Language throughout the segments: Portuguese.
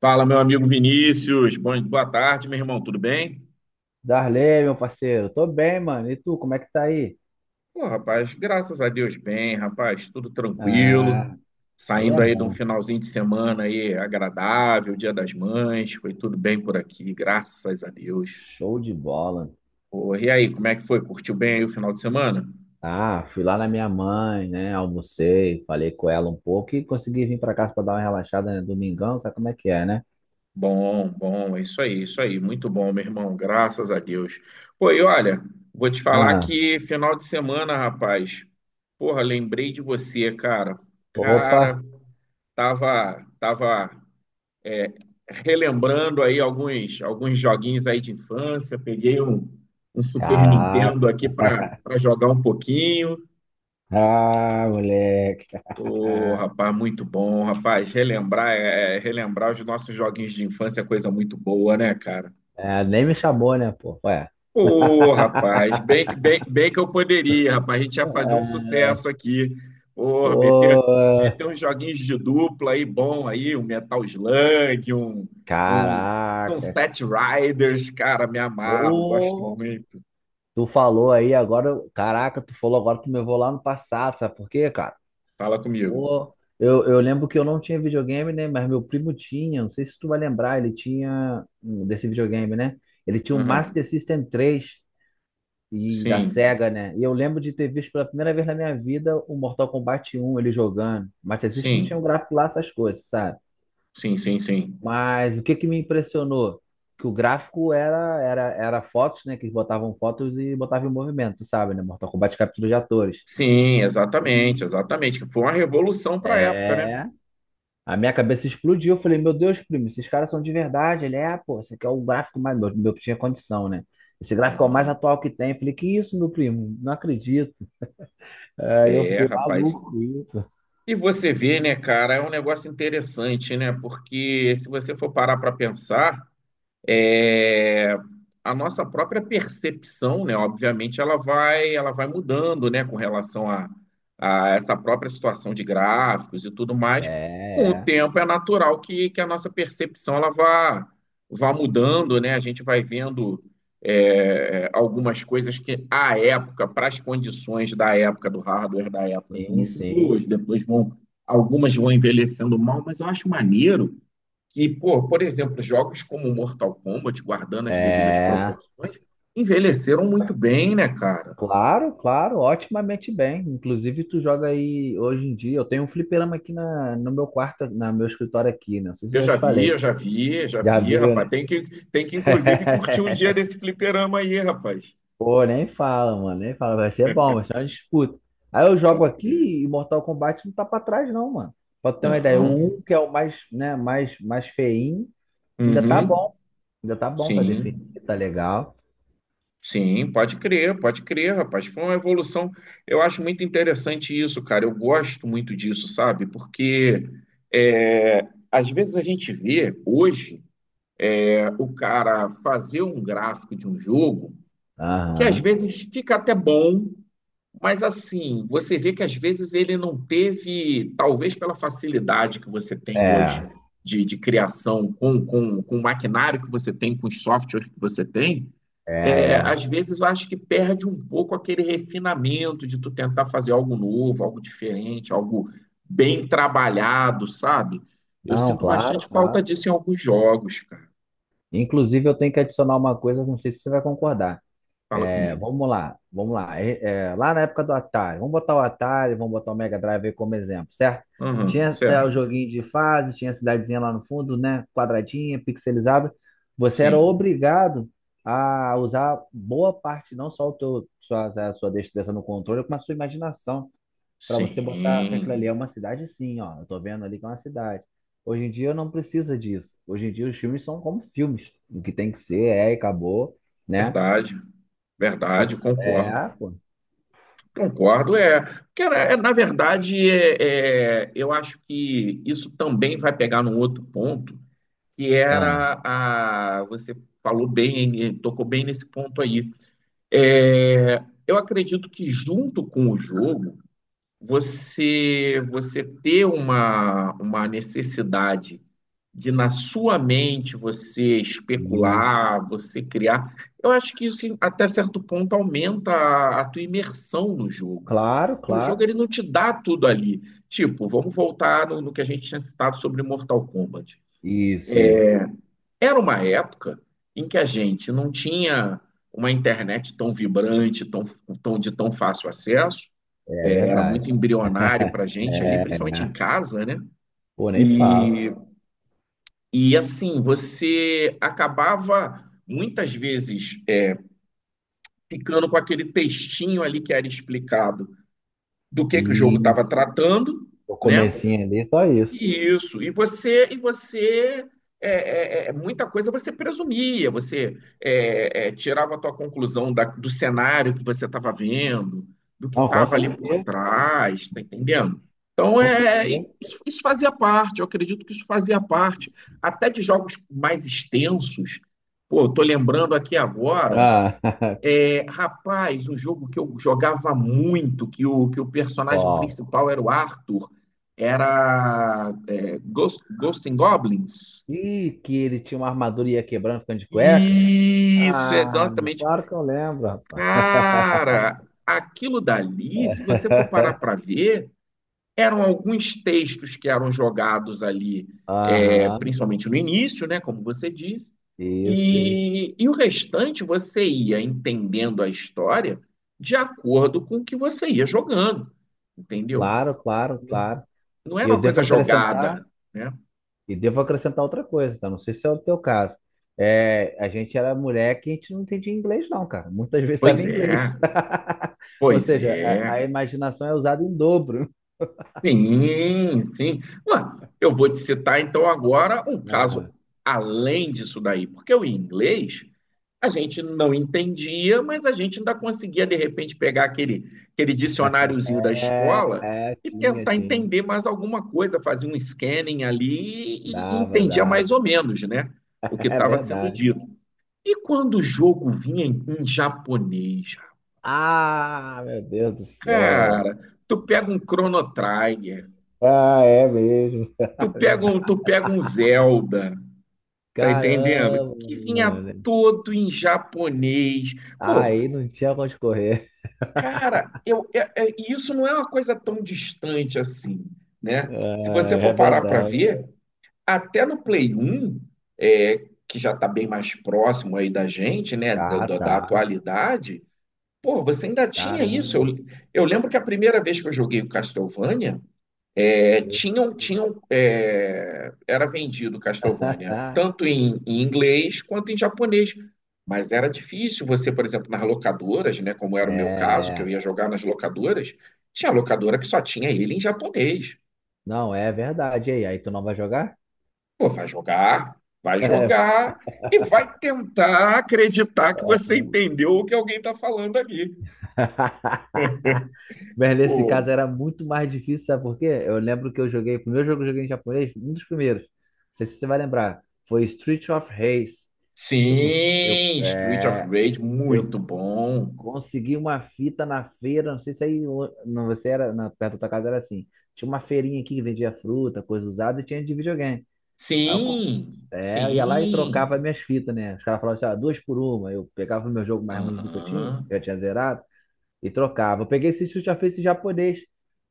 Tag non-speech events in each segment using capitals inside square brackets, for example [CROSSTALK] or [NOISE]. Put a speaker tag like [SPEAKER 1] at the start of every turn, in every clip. [SPEAKER 1] Fala, meu amigo Vinícius. Boa tarde, meu irmão. Tudo bem?
[SPEAKER 2] Darley, meu parceiro, tô bem, mano. E tu, como é que tá aí?
[SPEAKER 1] Pô, rapaz, graças a Deus, bem, rapaz. Tudo tranquilo.
[SPEAKER 2] Ah, aí é
[SPEAKER 1] Saindo aí de um
[SPEAKER 2] bom.
[SPEAKER 1] finalzinho de semana aí agradável, Dia das Mães. Foi tudo bem por aqui, graças a Deus.
[SPEAKER 2] Show de bola.
[SPEAKER 1] Pô, e aí, como é que foi? Curtiu bem aí o final de semana?
[SPEAKER 2] Ah, fui lá na minha mãe, né? Almocei, falei com ela um pouco e consegui vir pra casa pra dar uma relaxada, né? Domingão, sabe como é que é, né?
[SPEAKER 1] Bom, é isso aí, isso aí. Muito bom, meu irmão. Graças a Deus. Pô, e olha, vou te falar
[SPEAKER 2] Ah,
[SPEAKER 1] que final de semana, rapaz. Porra, lembrei de você, cara.
[SPEAKER 2] opa,
[SPEAKER 1] Cara. Tava é, relembrando aí alguns joguinhos aí de infância. Peguei um Super Nintendo
[SPEAKER 2] caraca.
[SPEAKER 1] aqui para jogar um pouquinho.
[SPEAKER 2] Ah, moleque. [LAUGHS]
[SPEAKER 1] Ô, rapaz, muito bom, rapaz. Relembrar, relembrar os nossos joguinhos de infância é coisa muito boa, né, cara?
[SPEAKER 2] É, nem me chamou, né, pô? Ué.
[SPEAKER 1] Ô, rapaz,
[SPEAKER 2] [LAUGHS]
[SPEAKER 1] bem que eu poderia, rapaz. A gente ia fazer um
[SPEAKER 2] É,
[SPEAKER 1] sucesso aqui. Ô, meter,
[SPEAKER 2] pô,
[SPEAKER 1] meter uns joguinhos de dupla aí, bom aí, um Metal Slug, um, um
[SPEAKER 2] caraca.
[SPEAKER 1] Set Riders, cara, me amarro, gosto
[SPEAKER 2] Pô.
[SPEAKER 1] muito.
[SPEAKER 2] Tu falou aí agora, caraca, tu falou agora que me vou lá no passado, sabe por quê, cara?
[SPEAKER 1] Fala comigo.
[SPEAKER 2] Pô, eu lembro que eu não tinha videogame, né? Mas meu primo tinha, não sei se tu vai lembrar, ele tinha desse videogame, né? Ele tinha um Master
[SPEAKER 1] Aham.
[SPEAKER 2] System 3 e da
[SPEAKER 1] Sim,
[SPEAKER 2] Sega, né? E eu lembro de ter visto pela primeira vez na minha vida o Mortal Kombat 1 ele jogando. Master System não tinha um
[SPEAKER 1] sim,
[SPEAKER 2] gráfico lá, essas coisas, sabe?
[SPEAKER 1] sim.
[SPEAKER 2] Mas o que que me impressionou? Que o gráfico era fotos, né? Que eles botavam fotos e botavam em movimento, sabe, né? Mortal Kombat captura de atores.
[SPEAKER 1] Sim,
[SPEAKER 2] Hum.
[SPEAKER 1] exatamente. Que foi uma revolução para a época, né?
[SPEAKER 2] É. A minha cabeça explodiu. Eu falei, meu Deus, primo, esses caras são de verdade. Ele é, pô, esse aqui é o gráfico mais. Meu tinha condição, né? Esse gráfico é o mais
[SPEAKER 1] Aham.
[SPEAKER 2] atual que tem. Eu falei, que isso, meu primo? Não acredito. É, eu
[SPEAKER 1] É,
[SPEAKER 2] fiquei
[SPEAKER 1] rapaz.
[SPEAKER 2] maluco com isso.
[SPEAKER 1] E você vê, né, cara, é um negócio interessante, né? Porque se você for parar para pensar. É, a nossa própria percepção, né, obviamente, ela vai mudando, né, com a essa própria situação de gráficos e tudo
[SPEAKER 2] É,
[SPEAKER 1] mais. Com o
[SPEAKER 2] é.
[SPEAKER 1] tempo, é natural que a nossa percepção ela vá mudando, né? A gente vai vendo algumas coisas que, à época, para as condições da época, do hardware da época, são
[SPEAKER 2] Sim,
[SPEAKER 1] muito
[SPEAKER 2] sim.
[SPEAKER 1] boas, depois vão, algumas vão envelhecendo mal, mas eu acho maneiro que, por exemplo, jogos como Mortal Kombat, guardando as devidas
[SPEAKER 2] É.
[SPEAKER 1] proporções, envelheceram muito bem, né, cara?
[SPEAKER 2] Claro, claro, otimamente bem. Inclusive, tu joga aí hoje em dia. Eu tenho um fliperama aqui na, no meu quarto, no meu escritório aqui, né? Não sei se eu já te falei.
[SPEAKER 1] Eu já
[SPEAKER 2] Já
[SPEAKER 1] vi,
[SPEAKER 2] viu,
[SPEAKER 1] rapaz.
[SPEAKER 2] né?
[SPEAKER 1] Tem que inclusive,
[SPEAKER 2] [LAUGHS]
[SPEAKER 1] curtir um dia desse fliperama aí, rapaz.
[SPEAKER 2] Pô, nem fala, mano. Nem fala. Vai ser bom, vai ser uma disputa. Aí eu jogo
[SPEAKER 1] Pode crer.
[SPEAKER 2] aqui e Mortal Kombat não tá pra trás, não, mano. Pra tu ter uma ideia,
[SPEAKER 1] Não.
[SPEAKER 2] o 1, que é o mais, né, mais feinho, ainda tá
[SPEAKER 1] Uhum.
[SPEAKER 2] bom. Ainda tá bom, tá definido,
[SPEAKER 1] Sim.
[SPEAKER 2] tá legal.
[SPEAKER 1] Sim, pode crer, rapaz. Foi uma evolução. Eu acho muito interessante isso, cara. Eu gosto muito disso, sabe? Porque às vezes a gente vê hoje. O cara fazer um gráfico de um jogo que às
[SPEAKER 2] Aham.
[SPEAKER 1] vezes fica até bom, mas assim, você vê que às vezes ele não teve, talvez pela facilidade que você tem
[SPEAKER 2] É,
[SPEAKER 1] hoje de criação com o maquinário que você tem, com os softwares que você tem,
[SPEAKER 2] é, é.
[SPEAKER 1] às vezes eu acho que perde um pouco aquele refinamento de tu tentar fazer algo novo, algo diferente, algo bem trabalhado, sabe? Eu
[SPEAKER 2] Não,
[SPEAKER 1] sinto
[SPEAKER 2] claro,
[SPEAKER 1] bastante falta
[SPEAKER 2] claro.
[SPEAKER 1] disso em alguns jogos, cara.
[SPEAKER 2] Inclusive, eu tenho que adicionar uma coisa, não sei se você vai concordar.
[SPEAKER 1] Fala
[SPEAKER 2] É,
[SPEAKER 1] comigo.
[SPEAKER 2] vamos lá, vamos lá. Lá na época do Atari, vamos botar o Atari, vamos botar o Mega Drive aí como exemplo, certo?
[SPEAKER 1] Aham,
[SPEAKER 2] Tinha até o
[SPEAKER 1] certo.
[SPEAKER 2] joguinho de fase, tinha a cidadezinha lá no fundo, né? Quadradinha, pixelizada. Você era
[SPEAKER 1] Sim,
[SPEAKER 2] obrigado a usar boa parte, não só o teu, sua, a sua destreza no controle, mas a sua imaginação para você botar que aquilo ali é
[SPEAKER 1] sim,
[SPEAKER 2] uma cidade, sim, ó. Eu tô vendo ali que é uma cidade. Hoje em dia não precisa disso. Hoje em dia os filmes são como filmes. O que tem que ser é e acabou, né?
[SPEAKER 1] verdade,
[SPEAKER 2] O-
[SPEAKER 1] concordo.
[SPEAKER 2] É, pô.
[SPEAKER 1] Concordo, na verdade, eu acho que isso também vai pegar num outro ponto, que
[SPEAKER 2] Ah,
[SPEAKER 1] era você falou bem, tocou bem nesse ponto aí. É, eu acredito que junto com o jogo, você ter uma necessidade de na sua mente você
[SPEAKER 2] isso.
[SPEAKER 1] especular, você criar, eu acho que isso até certo ponto aumenta a tua imersão no jogo.
[SPEAKER 2] Claro,
[SPEAKER 1] Porque o jogo
[SPEAKER 2] claro.
[SPEAKER 1] ele não te dá tudo ali. Tipo, vamos voltar no que a gente tinha citado sobre Mortal Kombat.
[SPEAKER 2] Isso, isso.
[SPEAKER 1] Era uma época em que a gente não tinha uma internet tão vibrante, tão, tão de tão fácil acesso
[SPEAKER 2] É
[SPEAKER 1] era
[SPEAKER 2] verdade.
[SPEAKER 1] muito embrionário para a
[SPEAKER 2] [LAUGHS]
[SPEAKER 1] gente ali,
[SPEAKER 2] É,
[SPEAKER 1] principalmente em
[SPEAKER 2] né?
[SPEAKER 1] casa, né?
[SPEAKER 2] Pô, nem fala.
[SPEAKER 1] E, e assim, você acabava muitas vezes ficando com aquele textinho ali que era explicado do que o jogo
[SPEAKER 2] E
[SPEAKER 1] estava tratando,
[SPEAKER 2] o
[SPEAKER 1] né?
[SPEAKER 2] comecinho ali, só isso.
[SPEAKER 1] Isso, e você muita coisa você presumia, você tirava a tua conclusão do cenário que você estava vendo, do que
[SPEAKER 2] Não, com
[SPEAKER 1] estava ali por
[SPEAKER 2] certeza,
[SPEAKER 1] trás, tá entendendo? Então
[SPEAKER 2] com
[SPEAKER 1] é
[SPEAKER 2] certeza.
[SPEAKER 1] isso, isso fazia parte, eu acredito que isso fazia parte, até de jogos mais extensos. Pô, eu tô lembrando aqui agora.
[SPEAKER 2] Ah, [LAUGHS]
[SPEAKER 1] É, rapaz, um jogo que eu jogava muito, que o personagem
[SPEAKER 2] qual?
[SPEAKER 1] principal era o Arthur, era Ghost and Goblins.
[SPEAKER 2] Ih, que ele tinha uma armadura e ia quebrando, ficando de cueca.
[SPEAKER 1] Isso,
[SPEAKER 2] Ah,
[SPEAKER 1] exatamente.
[SPEAKER 2] claro que eu lembro, rapaz.
[SPEAKER 1] Cara, aquilo dali, se você for parar para ver, eram alguns textos que eram jogados ali, é,
[SPEAKER 2] Aham,
[SPEAKER 1] principalmente no início, né, como você disse.
[SPEAKER 2] isso, isso.
[SPEAKER 1] E o restante você ia entendendo a história de acordo com o que você ia jogando, entendeu?
[SPEAKER 2] Claro, claro,
[SPEAKER 1] Não
[SPEAKER 2] claro.
[SPEAKER 1] não
[SPEAKER 2] E
[SPEAKER 1] era
[SPEAKER 2] eu
[SPEAKER 1] uma
[SPEAKER 2] devo
[SPEAKER 1] coisa
[SPEAKER 2] acrescentar,
[SPEAKER 1] jogada, né?
[SPEAKER 2] e devo acrescentar outra coisa, tá? Não sei se é o teu caso. É, a gente era mulher que a gente não entendia inglês, não, cara. Muitas vezes estava
[SPEAKER 1] Pois
[SPEAKER 2] em inglês.
[SPEAKER 1] é,
[SPEAKER 2] [LAUGHS] Ou
[SPEAKER 1] pois
[SPEAKER 2] seja, a,
[SPEAKER 1] é.
[SPEAKER 2] a imaginação é usada em dobro.
[SPEAKER 1] Sim, sim. Ué, eu vou te citar então agora um caso
[SPEAKER 2] [LAUGHS]
[SPEAKER 1] além disso daí, porque o inglês a gente não entendia, mas a gente ainda conseguia, de repente, pegar aquele
[SPEAKER 2] Ah,
[SPEAKER 1] dicionáriozinho da
[SPEAKER 2] é,
[SPEAKER 1] escola
[SPEAKER 2] é,
[SPEAKER 1] e
[SPEAKER 2] tinha,
[SPEAKER 1] tentar
[SPEAKER 2] tinha.
[SPEAKER 1] entender mais alguma coisa, fazer um scanning ali e
[SPEAKER 2] Dava,
[SPEAKER 1] entendia mais
[SPEAKER 2] dava.
[SPEAKER 1] ou menos, né, o que
[SPEAKER 2] [LAUGHS] É
[SPEAKER 1] estava sendo
[SPEAKER 2] verdade.
[SPEAKER 1] dito. E quando o jogo vinha em japonês,
[SPEAKER 2] Ah, meu Deus do céu.
[SPEAKER 1] cara, tu pega um Chrono Trigger,
[SPEAKER 2] Ah, é mesmo. [LAUGHS] Verdade.
[SPEAKER 1] tu pega um Zelda, tá entendendo?
[SPEAKER 2] Caramba,
[SPEAKER 1] Que vinha
[SPEAKER 2] mano.
[SPEAKER 1] todo em japonês. Pô,
[SPEAKER 2] Aí não tinha pra onde correr.
[SPEAKER 1] cara, e isso não é uma coisa tão distante assim,
[SPEAKER 2] [LAUGHS]
[SPEAKER 1] né? Se você
[SPEAKER 2] É, é
[SPEAKER 1] for parar para
[SPEAKER 2] verdade.
[SPEAKER 1] ver, até no Play 1, é, que já está bem mais próximo aí da gente, né?
[SPEAKER 2] Tá,
[SPEAKER 1] Da
[SPEAKER 2] tá.
[SPEAKER 1] atualidade, pô, você ainda tinha isso.
[SPEAKER 2] Caramba.
[SPEAKER 1] Eu lembro que a primeira vez que eu joguei o Castlevania, era vendido Castlevania
[SPEAKER 2] [LAUGHS]
[SPEAKER 1] tanto em inglês quanto em japonês, mas era difícil você, por exemplo, nas locadoras, né, como
[SPEAKER 2] É,
[SPEAKER 1] era o meu caso, que eu
[SPEAKER 2] é.
[SPEAKER 1] ia jogar nas locadoras, tinha locadora que só tinha ele em japonês.
[SPEAKER 2] Não, é verdade. E aí tu não vai jogar?
[SPEAKER 1] Pô, vai
[SPEAKER 2] [LAUGHS]
[SPEAKER 1] jogar e vai tentar acreditar que você entendeu o que alguém está falando ali.
[SPEAKER 2] Mas nesse
[SPEAKER 1] Pô,
[SPEAKER 2] caso era muito mais difícil, sabe por quê? Eu lembro que eu joguei, o primeiro jogo que eu joguei em japonês, um dos primeiros, não sei se você vai lembrar, foi Street of Rage. Eu, cons- eu,
[SPEAKER 1] sim, Street of
[SPEAKER 2] é,
[SPEAKER 1] Rage, muito
[SPEAKER 2] eu
[SPEAKER 1] bom.
[SPEAKER 2] Consegui uma fita na feira, não sei se aí não, você era na, perto da tua casa era assim. Tinha uma feirinha aqui que vendia fruta, coisa usada e tinha de videogame. Aí eu, com-
[SPEAKER 1] Sim,
[SPEAKER 2] é, eu ia lá e trocava
[SPEAKER 1] sim.
[SPEAKER 2] minhas fitas, né? Os caras falavam assim, ó, duas por uma. Eu pegava o meu jogo mais ruimzinho
[SPEAKER 1] Aham.
[SPEAKER 2] que eu tinha zerado, e trocava. Eu peguei esse já fez esse japonês.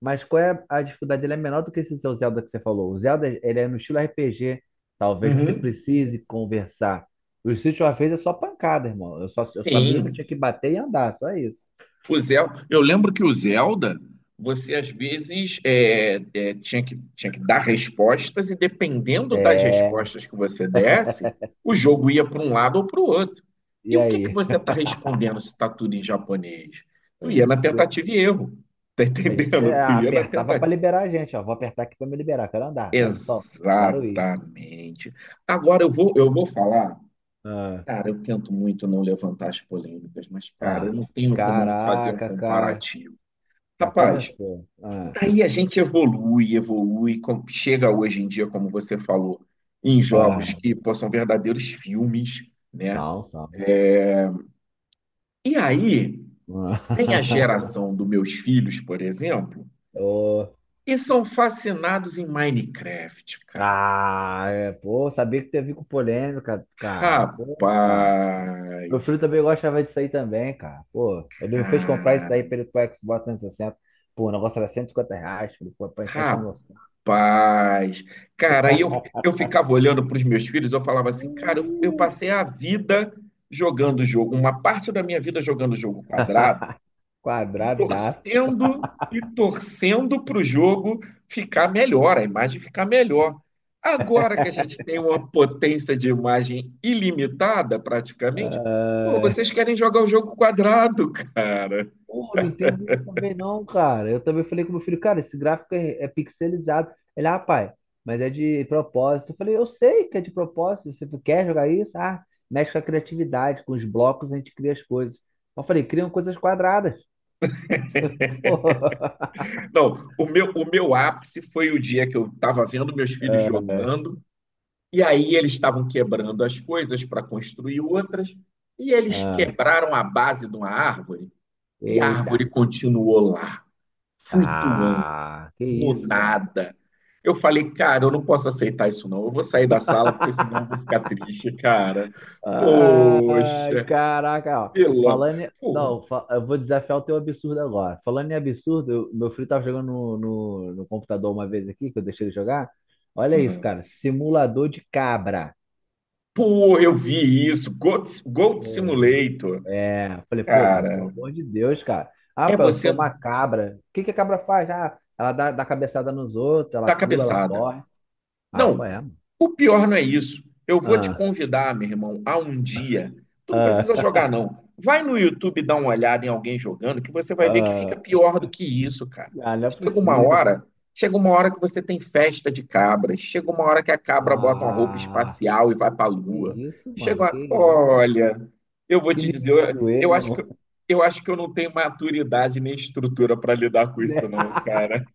[SPEAKER 2] Mas qual é a dificuldade? Ele é menor do que esse seu Zelda que você falou. O Zelda, ele é no estilo RPG. Talvez você
[SPEAKER 1] Uhum.
[SPEAKER 2] precise conversar. O Street of Rage é só pancada, irmão. Eu sabia que eu tinha
[SPEAKER 1] Sim.
[SPEAKER 2] que bater e andar, só isso.
[SPEAKER 1] O Zel... Eu lembro que o Zelda, você às vezes tinha que dar respostas, e dependendo das
[SPEAKER 2] É,
[SPEAKER 1] respostas que você desse, o jogo ia para um lado ou para o outro.
[SPEAKER 2] e
[SPEAKER 1] E o que que
[SPEAKER 2] aí?
[SPEAKER 1] você está respondendo se está tudo em japonês?
[SPEAKER 2] Eu
[SPEAKER 1] Tu ia
[SPEAKER 2] não
[SPEAKER 1] na
[SPEAKER 2] sei.
[SPEAKER 1] tentativa e erro. [LAUGHS] Tá
[SPEAKER 2] A gente
[SPEAKER 1] entendendo? Tu ia na
[SPEAKER 2] apertava pra
[SPEAKER 1] tentativa.
[SPEAKER 2] liberar a gente, ó. Vou apertar aqui pra me liberar. Quero andar, vai no sol. Quero ir.
[SPEAKER 1] Exatamente. Agora eu vou falar.
[SPEAKER 2] Ah,
[SPEAKER 1] Cara, eu tento muito não levantar as polêmicas, mas, cara,
[SPEAKER 2] ó.
[SPEAKER 1] eu não tenho como não fazer um
[SPEAKER 2] Caraca, cara.
[SPEAKER 1] comparativo.
[SPEAKER 2] Já
[SPEAKER 1] Rapaz,
[SPEAKER 2] começou. Ah,
[SPEAKER 1] aí a gente evolui, chega hoje em dia, como você falou, em jogos
[SPEAKER 2] ah.
[SPEAKER 1] que, pô, são verdadeiros filmes, né?
[SPEAKER 2] Sal, sal.
[SPEAKER 1] E aí vem a
[SPEAKER 2] Ah,
[SPEAKER 1] geração dos meus filhos, por exemplo,
[SPEAKER 2] [LAUGHS] ô.
[SPEAKER 1] e são fascinados em Minecraft, cara.
[SPEAKER 2] Ah, é, pô, sabia que teve com polêmica, cara. Pô, cara. Meu
[SPEAKER 1] Rapaz,
[SPEAKER 2] filho também gostava disso aí também, cara. Pô, ele me fez comprar isso
[SPEAKER 1] cara.
[SPEAKER 2] aí pra ele pro Xbox 360. Pô, o negócio era R$ 150. Falei, pô, pra encaixar no meu
[SPEAKER 1] Rapaz, cara, eu ficava olhando para os meus filhos, eu falava assim, cara, eu
[SPEAKER 2] Hum.
[SPEAKER 1] passei a vida jogando jogo, uma parte da minha vida jogando jogo quadrado,
[SPEAKER 2] [LAUGHS]
[SPEAKER 1] e
[SPEAKER 2] Quadradaço.
[SPEAKER 1] torcendo para o jogo ficar melhor, a imagem ficar melhor. Agora que a gente tem uma potência de imagem ilimitada, praticamente, pô,
[SPEAKER 2] Ah,
[SPEAKER 1] vocês querem jogar o jogo quadrado, [LAUGHS] cara.
[SPEAKER 2] pô, não entendo isso também não, cara. Eu também falei com meu filho, cara, esse gráfico é pixelizado. Ele, ah, pai, mas é de propósito. Eu falei, eu sei que é de propósito. Você quer jogar isso? Ah, mexe com a criatividade, com os blocos a gente cria as coisas. Eu falei, criam coisas quadradas. [LAUGHS] Pô.
[SPEAKER 1] Não, o meu ápice foi o dia que eu estava vendo meus filhos
[SPEAKER 2] Ah,
[SPEAKER 1] jogando. E aí eles estavam quebrando as coisas para construir outras, e eles
[SPEAKER 2] ah.
[SPEAKER 1] quebraram a base de uma árvore, e a
[SPEAKER 2] Eita.
[SPEAKER 1] árvore continuou lá, flutuando,
[SPEAKER 2] Ah, que
[SPEAKER 1] no
[SPEAKER 2] isso, cara.
[SPEAKER 1] nada. Eu falei, cara, eu não posso aceitar isso não, eu vou sair da sala, porque senão eu vou ficar triste, cara.
[SPEAKER 2] Ai,
[SPEAKER 1] Poxa,
[SPEAKER 2] caraca, ó.
[SPEAKER 1] vilão.
[SPEAKER 2] Falando em...
[SPEAKER 1] Pô,
[SPEAKER 2] Não, eu vou desafiar o teu absurdo agora. Falando em absurdo, meu filho tava jogando no computador uma vez aqui, que eu deixei ele jogar. Olha isso,
[SPEAKER 1] aham.
[SPEAKER 2] cara. Simulador de cabra.
[SPEAKER 1] Pô, eu vi isso. Goat, Goat
[SPEAKER 2] Hum.
[SPEAKER 1] Simulator.
[SPEAKER 2] É, eu falei, pô, cara, pelo
[SPEAKER 1] Cara,
[SPEAKER 2] amor de Deus, cara. Ah,
[SPEAKER 1] é
[SPEAKER 2] pô, eu
[SPEAKER 1] você
[SPEAKER 2] sou uma cabra. O que que a cabra faz? Ah, ela dá cabeçada nos outros, ela
[SPEAKER 1] dar
[SPEAKER 2] pula, ela
[SPEAKER 1] cabeçada.
[SPEAKER 2] corre. Ah, qual
[SPEAKER 1] Não,
[SPEAKER 2] é, mano?
[SPEAKER 1] o pior não é isso. Eu vou te
[SPEAKER 2] Ah,
[SPEAKER 1] convidar, meu irmão, a um dia. Tu não precisa
[SPEAKER 2] ah,
[SPEAKER 1] jogar,
[SPEAKER 2] [LAUGHS]
[SPEAKER 1] não. Vai no YouTube dar uma olhada em alguém jogando, que você vai ver que fica
[SPEAKER 2] ah,
[SPEAKER 1] pior do que isso, cara.
[SPEAKER 2] ah, não é
[SPEAKER 1] Chega uma
[SPEAKER 2] possível.
[SPEAKER 1] hora, chega uma hora que você tem festa de cabras, chega uma hora que a cabra bota uma roupa
[SPEAKER 2] Ah,
[SPEAKER 1] espacial e vai pra
[SPEAKER 2] que
[SPEAKER 1] lua.
[SPEAKER 2] isso,
[SPEAKER 1] Chega
[SPEAKER 2] mano, que
[SPEAKER 1] uma...
[SPEAKER 2] isso.
[SPEAKER 1] Olha, eu vou
[SPEAKER 2] Que
[SPEAKER 1] te
[SPEAKER 2] nível
[SPEAKER 1] dizer,
[SPEAKER 2] de
[SPEAKER 1] eu
[SPEAKER 2] zoeira, [LAUGHS]
[SPEAKER 1] acho que
[SPEAKER 2] mano.
[SPEAKER 1] eu acho que eu não tenho maturidade nem estrutura para lidar com isso,
[SPEAKER 2] Né?
[SPEAKER 1] não, cara.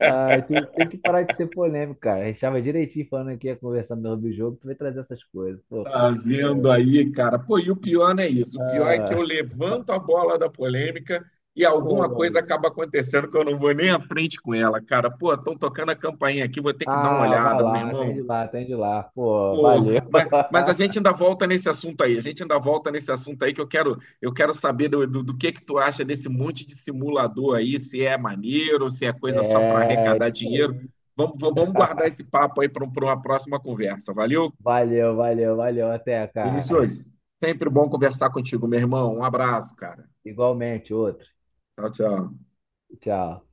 [SPEAKER 2] Ai, tu tem que parar de ser polêmico, cara. A gente tava direitinho falando aqui, ia conversar no do jogo, tu vai trazer essas coisas. Pô,
[SPEAKER 1] Tá
[SPEAKER 2] cara.
[SPEAKER 1] vendo aí, cara? Pô, e o pior não é isso. O pior é que eu
[SPEAKER 2] Ah,
[SPEAKER 1] levanto a bola da polêmica e alguma
[SPEAKER 2] pô.
[SPEAKER 1] coisa acaba acontecendo que eu não vou nem à frente com ela, cara. Pô, estão tocando a campainha aqui, vou ter que dar uma
[SPEAKER 2] Ah, vai
[SPEAKER 1] olhada, meu
[SPEAKER 2] lá,
[SPEAKER 1] irmão.
[SPEAKER 2] atende lá, atende lá. Pô,
[SPEAKER 1] Pô,
[SPEAKER 2] valeu.
[SPEAKER 1] mas a
[SPEAKER 2] [LAUGHS]
[SPEAKER 1] gente ainda volta nesse assunto aí. A gente ainda volta nesse assunto aí que eu quero saber do que tu acha desse monte de simulador aí, se é maneiro, se é coisa só para
[SPEAKER 2] É,
[SPEAKER 1] arrecadar
[SPEAKER 2] isso
[SPEAKER 1] dinheiro.
[SPEAKER 2] aí.
[SPEAKER 1] Vamos vamos guardar esse papo aí para uma próxima conversa. Valeu,
[SPEAKER 2] Valeu, valeu, valeu. Até, cara.
[SPEAKER 1] Vinícius, sempre bom conversar contigo, meu irmão. Um abraço, cara.
[SPEAKER 2] Igualmente, outro.
[SPEAKER 1] Tchau, tchau.
[SPEAKER 2] Tchau.